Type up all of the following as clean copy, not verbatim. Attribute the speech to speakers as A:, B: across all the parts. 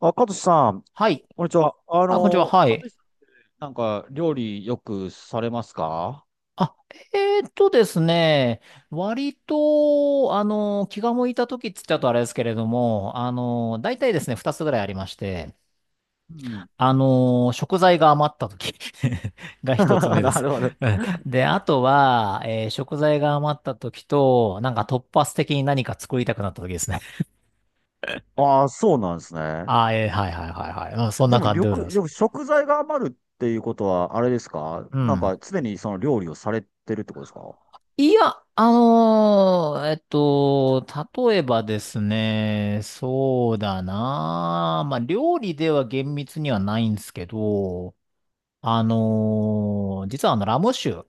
A: あ、かとしさん、
B: はい。
A: こんにちは。
B: あ、こんにちは。は
A: か
B: い。
A: としさん、なんか、料理よくされますか？
B: あ、ですね。割と、気が向いた時って言っちゃうとあれですけれども、大体ですね、二つぐらいありまして、
A: うん。
B: 食材が余った時 が 一つ目で
A: な
B: す。
A: るほど。
B: うん。で、あとは、食材が余った時と、なんか突発的に何か作りたくなった時ですね。
A: ああ、そうなんですね。
B: はいはいはいはい。うん、そん
A: で
B: な
A: も、
B: 感
A: り
B: じ
A: ょ
B: でござい
A: く、
B: ま
A: で
B: す。
A: も食材が余るっていうことは、あれですか？
B: う
A: なん
B: ん。
A: か、常にその料理をされてるってことですか？
B: いや、例えばですね、そうだなあ、まあ、料理では厳密にはないんですけど、実はラム酒、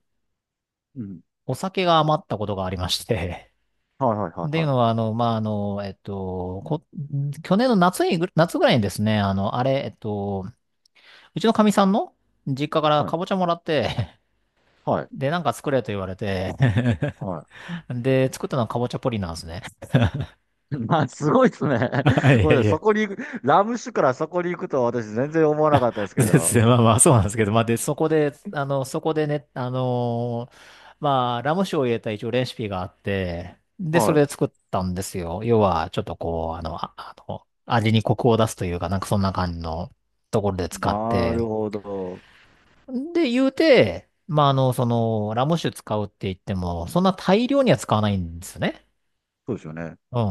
A: うん。
B: お酒が余ったことがありまして、
A: はいはい は
B: って
A: い
B: いう
A: はい。
B: のは、あの、まあ、あの、えっと、こ、去年の夏に夏ぐらいにですね、あの、あれ、えっと、うちのかみさんの実家から
A: はい。
B: かぼちゃもらって、
A: はい。
B: で、なんか作れと言われて、
A: はい。
B: で、作ったのはかぼちゃポリなんですね。
A: まあ、すごいですね。
B: い
A: ご
B: や
A: めんな
B: い
A: さい。
B: や。
A: そこに行く、ラム酒からそこに行くとは私全然思わなかったです け
B: です
A: ど。
B: ね。まあまあ、そうなんですけど、まあ、で、そこで、まあ、ラム酒を入れた一応レシピがあって、で、そ
A: はい。
B: れで作ったんですよ。要は、ちょっとこう、味にコクを出すというか、なんかそんな感じのところで使っ
A: なる
B: て、
A: ほど。
B: で、言うて、まあ、ラム酒使うって言っても、そんな大量には使わないんですよね。
A: そうですよね。
B: う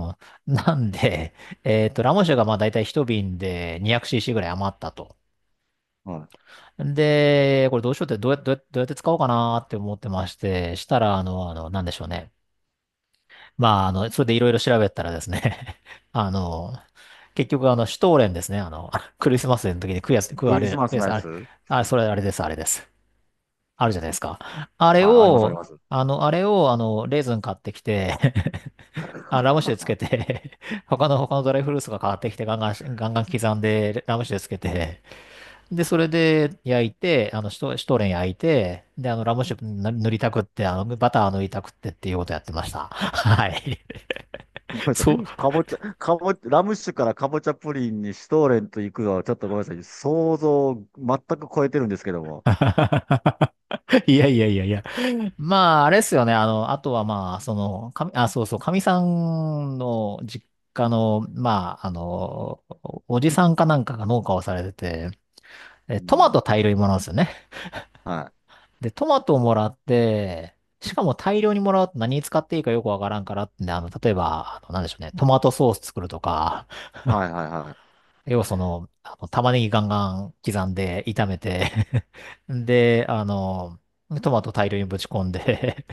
B: ん。なんで、ラム酒がまあ、だいたい一瓶で 200cc ぐらい余ったと。
A: はい。
B: で、これどうしようって、どうやって使おうかなって思ってまして、したら、なんでしょうね。まあ、それでいろいろ調べたらですね、あの、結局、シュトーレンですね、クリスマスの時に食うやつ、食う
A: ク
B: あ
A: リス
B: れ、
A: マ
B: 食う
A: ス
B: や
A: の
B: つ、
A: や
B: あれ、
A: つ？
B: あれ、それあれです、あれです。あるじゃないですか。あれ
A: はい、ありますあり
B: を、
A: ます。
B: あの、あれを、あの、レーズン買ってきて あ、ラム酒でつけて 他のドライフルーツが買ってきて、ガンガン、ガンガン刻んで、ラム酒でつけて、で、それで焼いて、シュトーレン焼いて、で、ラムシップ塗りたくって、バター塗りたくってっていうことやってました。はい。
A: ごめんなさい。
B: そう。
A: かぼちゃ、ラム酒からかぼちゃプリンにシュトーレンと行くのはちょっとごめんなさい。想像を全く超えてるんですけども。
B: いやいやいやいや。まあ、あれですよね。あとはまあ、あ、そうそう、かみさんの実家の、まあ、おじさんかなんかが農家をされてて、
A: う
B: トマ
A: ん。
B: ト大量にもらうんですよね。
A: は
B: で、トマトをもらって、しかも大量にもらうと何に使っていいかよくわからんからってんで、例えば、なんでしょうね、トマトソース作るとか、
A: い。はいはいはい。
B: 要は玉ねぎガンガン刻んで炒めて で、トマト大量にぶち込んで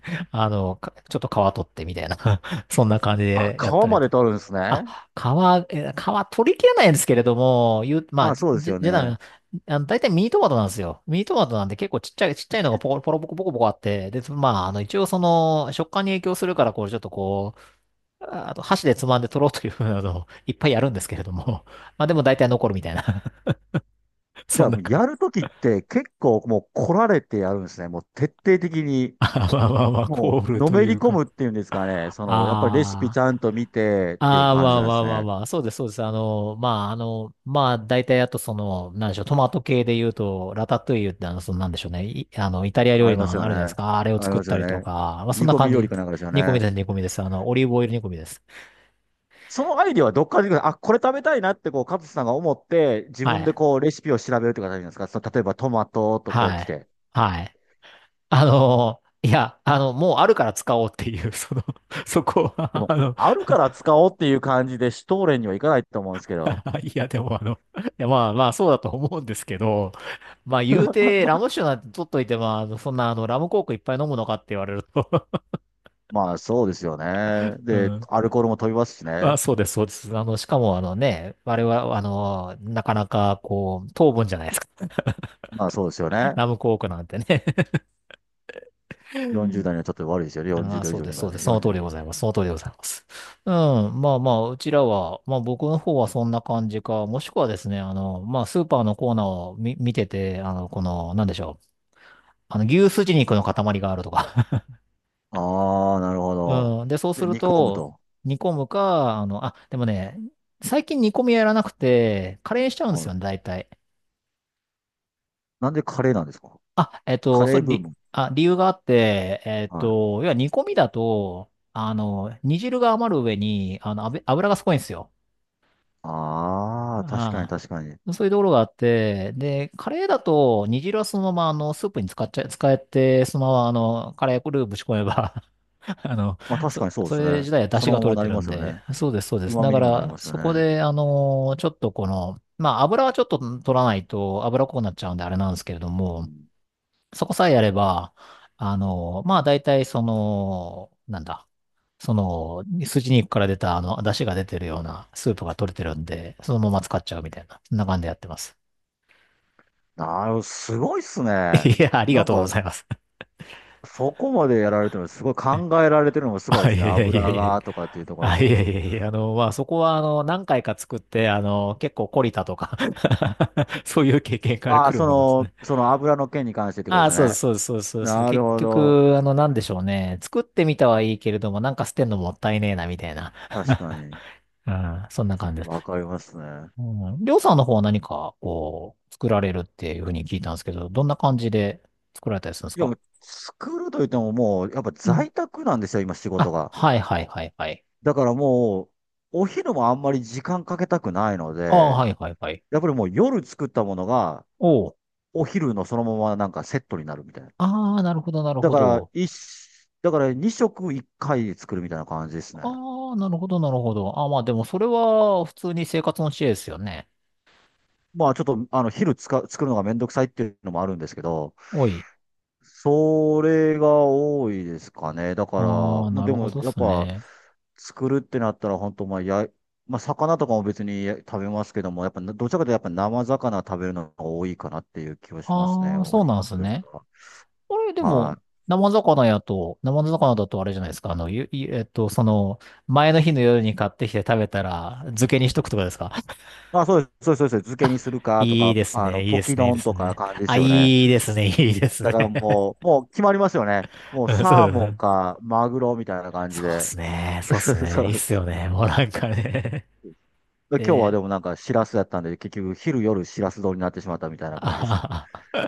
B: ちょっと皮取ってみたいな そんな感じ
A: あ、
B: でやっ
A: 皮
B: たり。
A: まで取るんです
B: あ、
A: ね。
B: 皮、え皮取り切れないんですけれども、言う、ま
A: ま
B: あ、
A: あそうです
B: じ、
A: よ
B: じゃ
A: ね。
B: あ、大体ミニトマトなんですよ。ミニトマトなんで結構ちっちゃい、ちっちゃいのがポコ、ポロポコポコポコあって、で、まあ、一応食感に影響するから、こう、ちょっとこう、ああと箸でつまんで取ろうというふうなのをいっぱいやるんですけれども、まあでも大体残るみたいな、
A: じ
B: そ
A: ゃ
B: ん
A: あ、
B: なか、
A: やるときって結構もう来られてやるんですね。もう徹底的に、
B: まあまあまあまあ、コ
A: もう
B: ール
A: の
B: と
A: め
B: い
A: り
B: う
A: 込
B: か。
A: むっていうんですかね。その、やっぱりレシピ
B: あ
A: ちゃ
B: あ。
A: んと見てっていう
B: ああ、
A: 感
B: ま
A: じ
B: あ
A: なんで
B: まあ
A: す
B: まあ
A: ね。
B: まあ、そうです、そうです。まあ、大体あとなんでしょう、トマト系で言うと、ラタトゥイユってなんでしょうね、いあの、イタリア料
A: あ
B: 理
A: りま
B: の
A: すよ
B: あ
A: ね。
B: るじゃないですか、あれを
A: あり
B: 作っ
A: ます
B: た
A: よ
B: りと
A: ね。
B: か、まあ、そん
A: 煮
B: な
A: 込み
B: 感じ
A: 料
B: で
A: 理かな
B: す。
A: んかですよ
B: 煮込み
A: ね。
B: です、煮込みです。オリーブオイル煮込みです。
A: そのアイディアはどっから出てくる？あ、これ食べたいなって、こう、カズさんが思って、自
B: は
A: 分で
B: い、
A: こう、レシピを調べるって形なんですか？例えばトマトとこう
B: は
A: 来
B: い、
A: て。
B: はい。いや、もうあるから使おうっていう、そこ
A: で
B: は、
A: も、あるから使おうっていう感じで、シュトーレンにはいかないと思うんですけど。
B: いや、でもいや、まあまあ、そうだと思うんですけど、まあ言うて、ラム酒なんて取っといて、まあ、そんなラムコークいっぱい飲むのかって言われると
A: まあ、そうですよ ね。
B: う
A: で、
B: ん。
A: アルコールも飛びますし
B: まあ
A: ね。
B: そうです、そうです。しかもあれは、なかなかこう、糖分じゃないですか。
A: まあ、そうですよね。
B: ラムコークなんてね
A: 40代にはちょっと悪いですよね。40
B: ああ、
A: 度以
B: そう
A: 上
B: で
A: に
B: す、そ
A: か
B: うで
A: ね。
B: す。その通りで
A: 40。
B: ございます。その通りでございます。うん。まあまあ、うちらは、まあ僕の方はそんな感じか、もしくはですね、まあスーパーのコーナーを見てて、なんでしょう。牛すじ肉の塊があるとか。
A: ああ、なるほど。
B: うん。で、そうす
A: で、
B: る
A: 煮込む
B: と、
A: と。
B: 煮込むか、でもね、最近煮込みやらなくて、カレーにしちゃうんです
A: は
B: よ
A: い。
B: ね、大体。
A: なんでカレーなんですか？
B: あ、えっ
A: カ
B: と、そ
A: レー
B: れ、
A: ブー
B: り、
A: ム。
B: あ、理由があって、
A: はい。
B: 要は煮込みだと、煮汁が余る上に、油がすごいんですよ。
A: ああ、確かに
B: あ
A: 確かに。
B: あ、そういうところがあって、で、カレーだと、煮汁はそのまま、スープに使っちゃ、使えて、そのまま、カレールーぶち込めば あの、
A: まあ確かにそう
B: そ
A: です
B: れ
A: ね。
B: 自体は出
A: そ
B: 汁
A: の
B: が
A: まま
B: 取れ
A: な
B: て
A: り
B: る
A: ま
B: ん
A: すよ
B: で、
A: ね。
B: そうです、そうです。
A: 旨
B: だ
A: 味
B: か
A: にもなり
B: ら、
A: ますよ
B: そこ
A: ね。
B: で、ちょっとこの、まあ、油はちょっと取らないと、油っこくなっちゃうんで、あれなんですけれど
A: う
B: も、
A: ん。
B: そこさえやれば、まあ、大体、なんだ、筋肉から出た、出汁が出てるようなスープが取れてるんで、そのまま使っちゃうみたいな、そんな感じでやってます。
A: すごいっす ね。
B: いや、あり
A: な
B: が
A: ん
B: とうご
A: か、
B: ざいます。
A: そこまでやられてるの、すごい考えられてるのもすごい
B: あ、
A: で
B: い
A: すね。
B: やいやい
A: 油
B: やいやいや。
A: がとかっていうところ
B: あ、い
A: も。
B: やいやいやいや、まあ、そこは、何回か作って、結構懲りたとか そういう経験から
A: あ
B: 来
A: あ、
B: る
A: そ
B: ものです
A: の、
B: ね。
A: その油の件に関してってこと
B: あ
A: で
B: あ、
A: す
B: そうです、
A: ね。
B: そうです、そうです、そうです。
A: なる
B: 結
A: ほど。
B: 局、なんでしょうね。作ってみたはいいけれども、なんか捨てんのもったいねえな、みたいな。
A: 確かに。
B: うん、そんな感じで
A: わ
B: す。
A: かりますね。
B: うん。りょうさんの方は何か、こう、作られるっていうふうに聞いたんですけど、どんな感じで作られたりするんです
A: いや、
B: か？
A: もう作るといってももう、やっぱ
B: うん。
A: 在宅なんですよ、今仕事
B: あ、
A: が。
B: はいはいはいはい。
A: だからもう、お昼もあんまり時間かけたくないの
B: ああ、
A: で、
B: はいはいはい。
A: やっぱりもう夜作ったものが、
B: おう。
A: お昼のそのままなんかセットになるみたいな。
B: ああ、なるほどなる
A: だ
B: ほ
A: から、
B: ど。
A: 一、だから2食1回作るみたいな感じですね。
B: ああ、なるほどなるほど。ああ、まあでもそれは普通に生活の知恵ですよね。
A: まあちょっと、昼つか、作るのがめんどくさいっていうのもあるんですけど、
B: おい。
A: それが多いですかね。だから、
B: ああ、
A: もう
B: な
A: で
B: るほ
A: も
B: どっ
A: やっ
B: す
A: ぱ、
B: ね。
A: 作るってなったら本当、まあ、魚とかも別に食べますけども、やっぱ、どちらかというとやっぱ生魚食べるのが多いかなっていう気はしますね。
B: ああ、
A: お
B: そうなんです
A: 肉より
B: ね。
A: かは。
B: これで
A: は
B: も、
A: あ
B: 生魚だとあれじゃないですか。あの、ゆ、ゆえっと、その、前の日の夜に買ってきて食べたら、漬けにしとくとかですか？
A: あ、そうです、そうです、そうです。漬け
B: あ、
A: にするかと
B: いい
A: か、
B: ですね、いい
A: ポ
B: です
A: キ
B: ね、いいで
A: 丼
B: す
A: とか
B: ね。
A: 感じで
B: あ、
A: すよね。
B: いいですね、いいです
A: だ
B: ね。
A: から もう決まりますよね。もう
B: うんそ
A: サー
B: うだ
A: モン
B: な。
A: かマグロみたいな感じ
B: そうっ
A: で。
B: すね、そうっす
A: そ
B: ね、いいっ
A: う。
B: すよね、もうなんかね。
A: 今日はで
B: で、
A: もなんかシラスだったんで、結局昼夜シラス丼になってしまったみたいな
B: あ
A: 感じですね。
B: は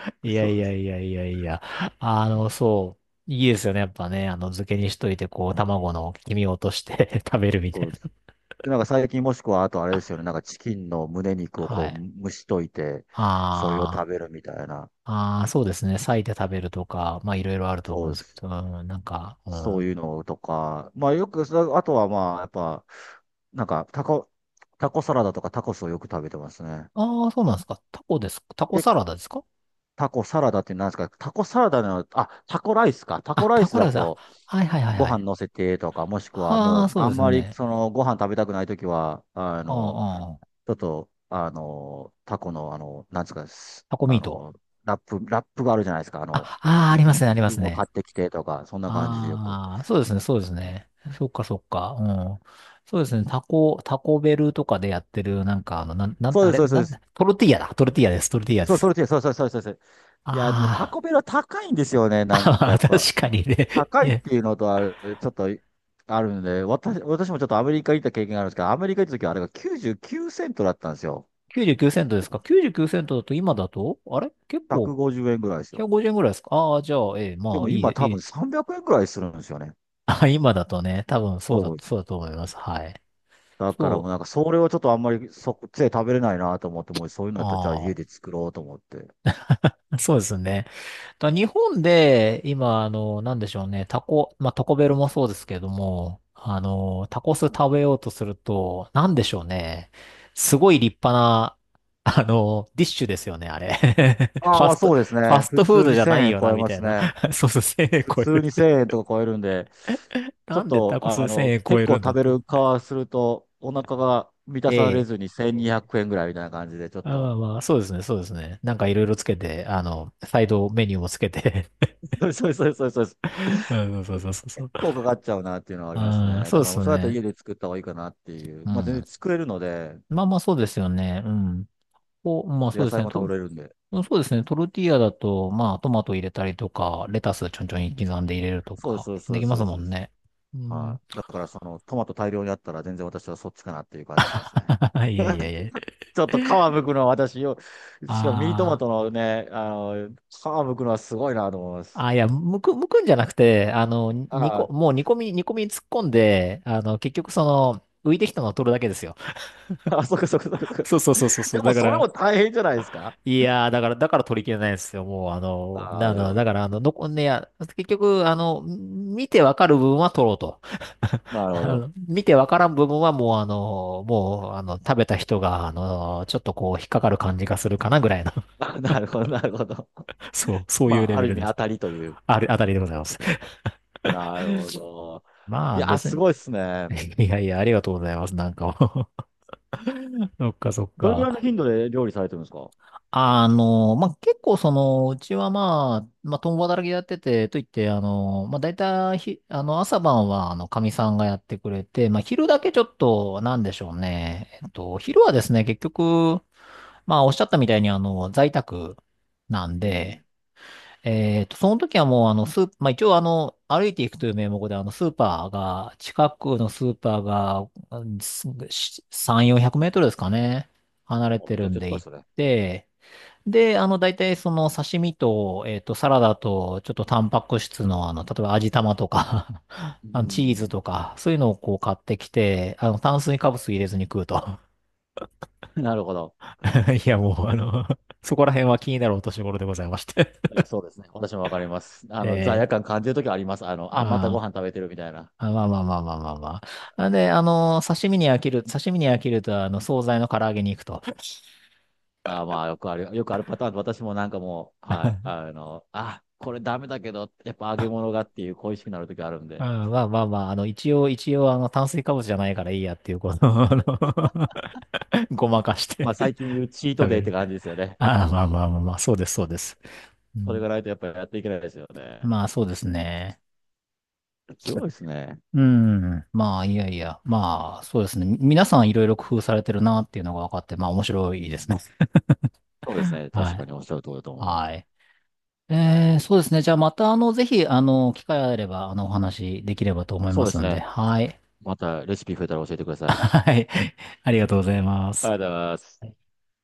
B: は、 いや
A: そう
B: い
A: で
B: や
A: す。
B: いやいやいや、そう、いいですよね、やっぱね、漬けにしといて、こう、卵の黄身を落として 食べるみ
A: そ
B: たい
A: うです。で、なんか最近もしくはあとあれですよね。なんかチキンの胸肉
B: な。
A: をこ
B: はい。
A: う蒸しといて、それを食
B: あ
A: べるみたいな。
B: あ、ああ、そうですね、裂いて食べるとか、まあ、いろいろあると思う
A: そ
B: ん
A: う
B: で
A: で
B: すけ
A: す。
B: ど、うん、なんか、う
A: そう
B: ん。
A: いうのとか、まあよく、あとはまあ、やっぱ、なんか、タコサラダとかタコスをよく食べてますね。
B: ああ、そうなんですか。タコです。タコ
A: で、
B: サラダですか？
A: タコサラダって何ですか？タコサラダの、あ、タコライスか。タコ
B: あ、
A: ライ
B: タ
A: ス
B: コラ
A: だ
B: イス、あ、
A: と、
B: はいはいはい
A: ご
B: は
A: 飯
B: い。
A: 乗せてとか、もしくは
B: あ
A: も
B: あ、
A: う、
B: そう
A: あ
B: で
A: ん
B: す
A: まり、
B: ね。
A: ご飯食べたくないときは、
B: うん、うん。
A: ちょっと、タコの、なんですか、す
B: タコミ
A: あ
B: ート。
A: の、ラップがあるじゃないですか。
B: あ、ああ、ありますね、あり
A: 生
B: ま
A: 地
B: す
A: を買
B: ね。
A: ってきてとか、そんな感じでよく。
B: ああ、そうですね、そうですね。そっかそっか。うん。そうですね、タコ、タコベルとかでやってる、なんか、あの、なん、なん、
A: そう
B: あ
A: です、
B: れ、
A: そうです、そう
B: な
A: で
B: ん、
A: す。
B: トルティーヤだ。トルティーヤです、トルティーヤで
A: そう、
B: す。
A: トルティーヤ、そうそうそうそうそう。いや、でもタ
B: あ
A: コベルは高いんですよね。
B: ー
A: なんか
B: あ、あ
A: やっ
B: ー
A: ぱ、
B: 確か
A: い
B: にね。
A: 高いっ
B: え、
A: ていうのとちょっとあるんで、私もちょっとアメリカ行った経験があるんですけど、アメリカ行った時はあれが99セントだったんですよ。
B: 99セントで
A: で
B: すか？
A: も
B: 99 セントだと今だと、あれ結構
A: 150円ぐらいですよ。
B: 150円ぐらいですか？ああー、じゃあ、ええ、
A: で
B: ま
A: も
B: あ、いい、
A: 今多
B: い
A: 分
B: い、
A: 300円ぐらいするんですよね。
B: あ、今だとね、多分そうだ、
A: そう。
B: そうだと思います。はい。
A: だから
B: そ
A: もう
B: う。
A: なんかそれをちょっとあんまりそっちで食べれないなと思って、もうそういうのだったらじゃあ
B: あ
A: 家で作ろうと思って。
B: あ、そうですね。だ日本で、今、なんでしょうね、タコ、まあ、タコベルもそうですけども、タコス食べようとすると、なんでしょうね、すごい立派な、ディッシュですよね、あれ。
A: ああ、
B: ファ
A: まあ
B: スト、
A: そ
B: フ
A: うです
B: ァ
A: ね。
B: ス
A: 普
B: トフー
A: 通
B: ド
A: に
B: じゃな
A: 1000
B: い
A: 円
B: よ
A: 超
B: な、
A: え
B: み
A: ま
B: たい
A: す
B: な。
A: ね。
B: そうそう、1000円
A: 普
B: 超え
A: 通
B: るっ
A: に
B: て。
A: 1000円とか超えるんで、ちょ
B: な
A: っ
B: んで
A: と、
B: タコス1000円超
A: 結
B: え
A: 構
B: るんだ
A: 食
B: っ
A: べ
B: て。
A: る側すると、お腹が満たされ
B: ええ、
A: ずに1200円ぐらいみたいな感じで、ちょっ
B: あ、まあ
A: と、
B: まあ、そうですね、そうですね。なんかいろいろつけて、サイドメニューもつけて
A: そうそうそうそうそう。
B: うん、そうそうそうそ
A: 結
B: う。
A: 構かかっちゃうなっていうのはあります
B: ああ、
A: ね。
B: そう
A: だ
B: で
A: からもう
B: す
A: そうやったら家
B: ね。
A: で作った方がいいかなっていう。
B: う
A: まあ全然
B: ん。
A: 作れるので、
B: まあまあ、そうですよね。うん。お、ま
A: あ
B: あ
A: と
B: そう
A: 野
B: です
A: 菜
B: ね。
A: も食
B: と、
A: べれるんで。
B: そうですね。トルティーヤだと、まあ、トマト入れたりとか、レタスちょんちょん刻んで入れると
A: そうです、
B: か、
A: そうです、そう
B: で
A: で
B: き
A: す、
B: ま
A: そう
B: す
A: です。そ
B: も
A: うで
B: ん
A: す。
B: ね。う
A: は
B: ん。
A: い。だからそのトマト大量にあったら全然私はそっちかなっていう感じしますね。
B: いやいやいや。
A: ちょっと皮むくのは私よ、しかもミニトマ
B: あ
A: ト
B: あ。
A: のね、皮むくのはすごいなと思います。
B: あ、いや、むく、むくんじゃなくて、煮
A: あ
B: こ、
A: あ、
B: もう煮込み、煮込みに突っ込んで、結局その、浮いてきたのを取るだけですよ。
A: あ、そっかそっかそっかそっ
B: そ
A: か。
B: うそうそうそうそ
A: で
B: う。
A: も
B: だか
A: それ
B: ら、
A: も大変じゃないですか。
B: いやー、だから、だから取り切れないんですよ。もう、
A: ああ、なるほ
B: だか
A: ど。
B: ら、残んねや、結局、見てわかる部分は取ろうと。
A: な るほど。
B: 見てわからん部分はもう、食べた人が、ちょっとこう、引っかかる感じがするかなぐらいの、
A: あ、なるほど、なるほど。
B: そう、そう
A: ま
B: いうレ
A: あ、あ
B: ベ
A: る意
B: ル
A: 味
B: で
A: 当
B: す。
A: たりという。
B: あれ、あたりでございます。
A: なるほど。
B: ま
A: い
B: あ、
A: や、
B: 別
A: す
B: に、
A: ごいっすね。
B: いやいや、ありがとうございます。なんかもう そっか、そっ
A: どれぐらいの
B: か。
A: 頻度で料理されてるんですか？
B: まあ、結構その、うちはまあ、まあ、共働きでやってて、といって、まあ、大体ひ、朝晩は、かみさんがやってくれて、まあ、昼だけちょっと、なんでしょうね。昼はですね、結局、まあ、おっしゃったみたいに、在宅なん
A: うん。
B: で、その時はもう、スー、まあ、一応、歩いていくという名目で、スーパーが、近くのスーパーが、うんす3、400メートルですかね、離れ
A: もう
B: て
A: めち
B: る
A: ゃく
B: ん
A: ちゃ
B: で
A: 近いっ
B: 行っ
A: すね。
B: て、で、大体その刺身と、サラダと、ちょっとタンパク質の、例えば味玉とか
A: う
B: チーズ
A: ん。
B: とか、そういうのをこう買ってきて、炭水化物入れずに食うと。
A: なるほど。
B: いや、もう、あの そこら辺は気になるお年頃でございまして
A: いやそうですね。私もわかります。罪
B: え
A: 悪感感じるときあります。
B: ま
A: あ、またご
B: あ、
A: 飯食べてるみたいな。
B: あ、まあまあまあまあまあまあ。なんで、刺身に飽きる、刺身に飽きると、惣菜の唐揚げに行くと。
A: あーまあ、よくあるパターンで、私もなんかもう、はい、あ、これダメだけど、やっぱ揚げ物がっていう恋しくなる時あるん
B: う
A: で、
B: ん、まあまあまあ、一応、一応、炭水化物じゃないからいいやっていう、この、あの
A: で
B: ごまかして
A: まあ最近言うチート
B: 食
A: デイ
B: べ
A: って
B: る。
A: 感じですよね。
B: ああ、まあまあまあまあ、そうです、そうです。う
A: それ
B: ん、
A: がないとやっぱりやっていけないですよね。
B: まあ、そうですね。
A: すごいですね。
B: うん。まあ、いやいや。まあ、そうですね。み皆さんいろいろ工夫されてるなっていうのが分かって、まあ、面白
A: う
B: い
A: ん。
B: ですね。
A: そうです ね。
B: は
A: 確か
B: い。
A: におっしゃる通りだと思いま
B: は
A: す。
B: い。そうですね。じゃあ、また、ぜひ、機会あれば、お話できればと思い
A: そ
B: ま
A: うで
B: す
A: す
B: んで。
A: ね。
B: はい。
A: またレシピ増えたら教えてください。あ
B: はい。ありがとうございま
A: りが
B: す。
A: とうございます。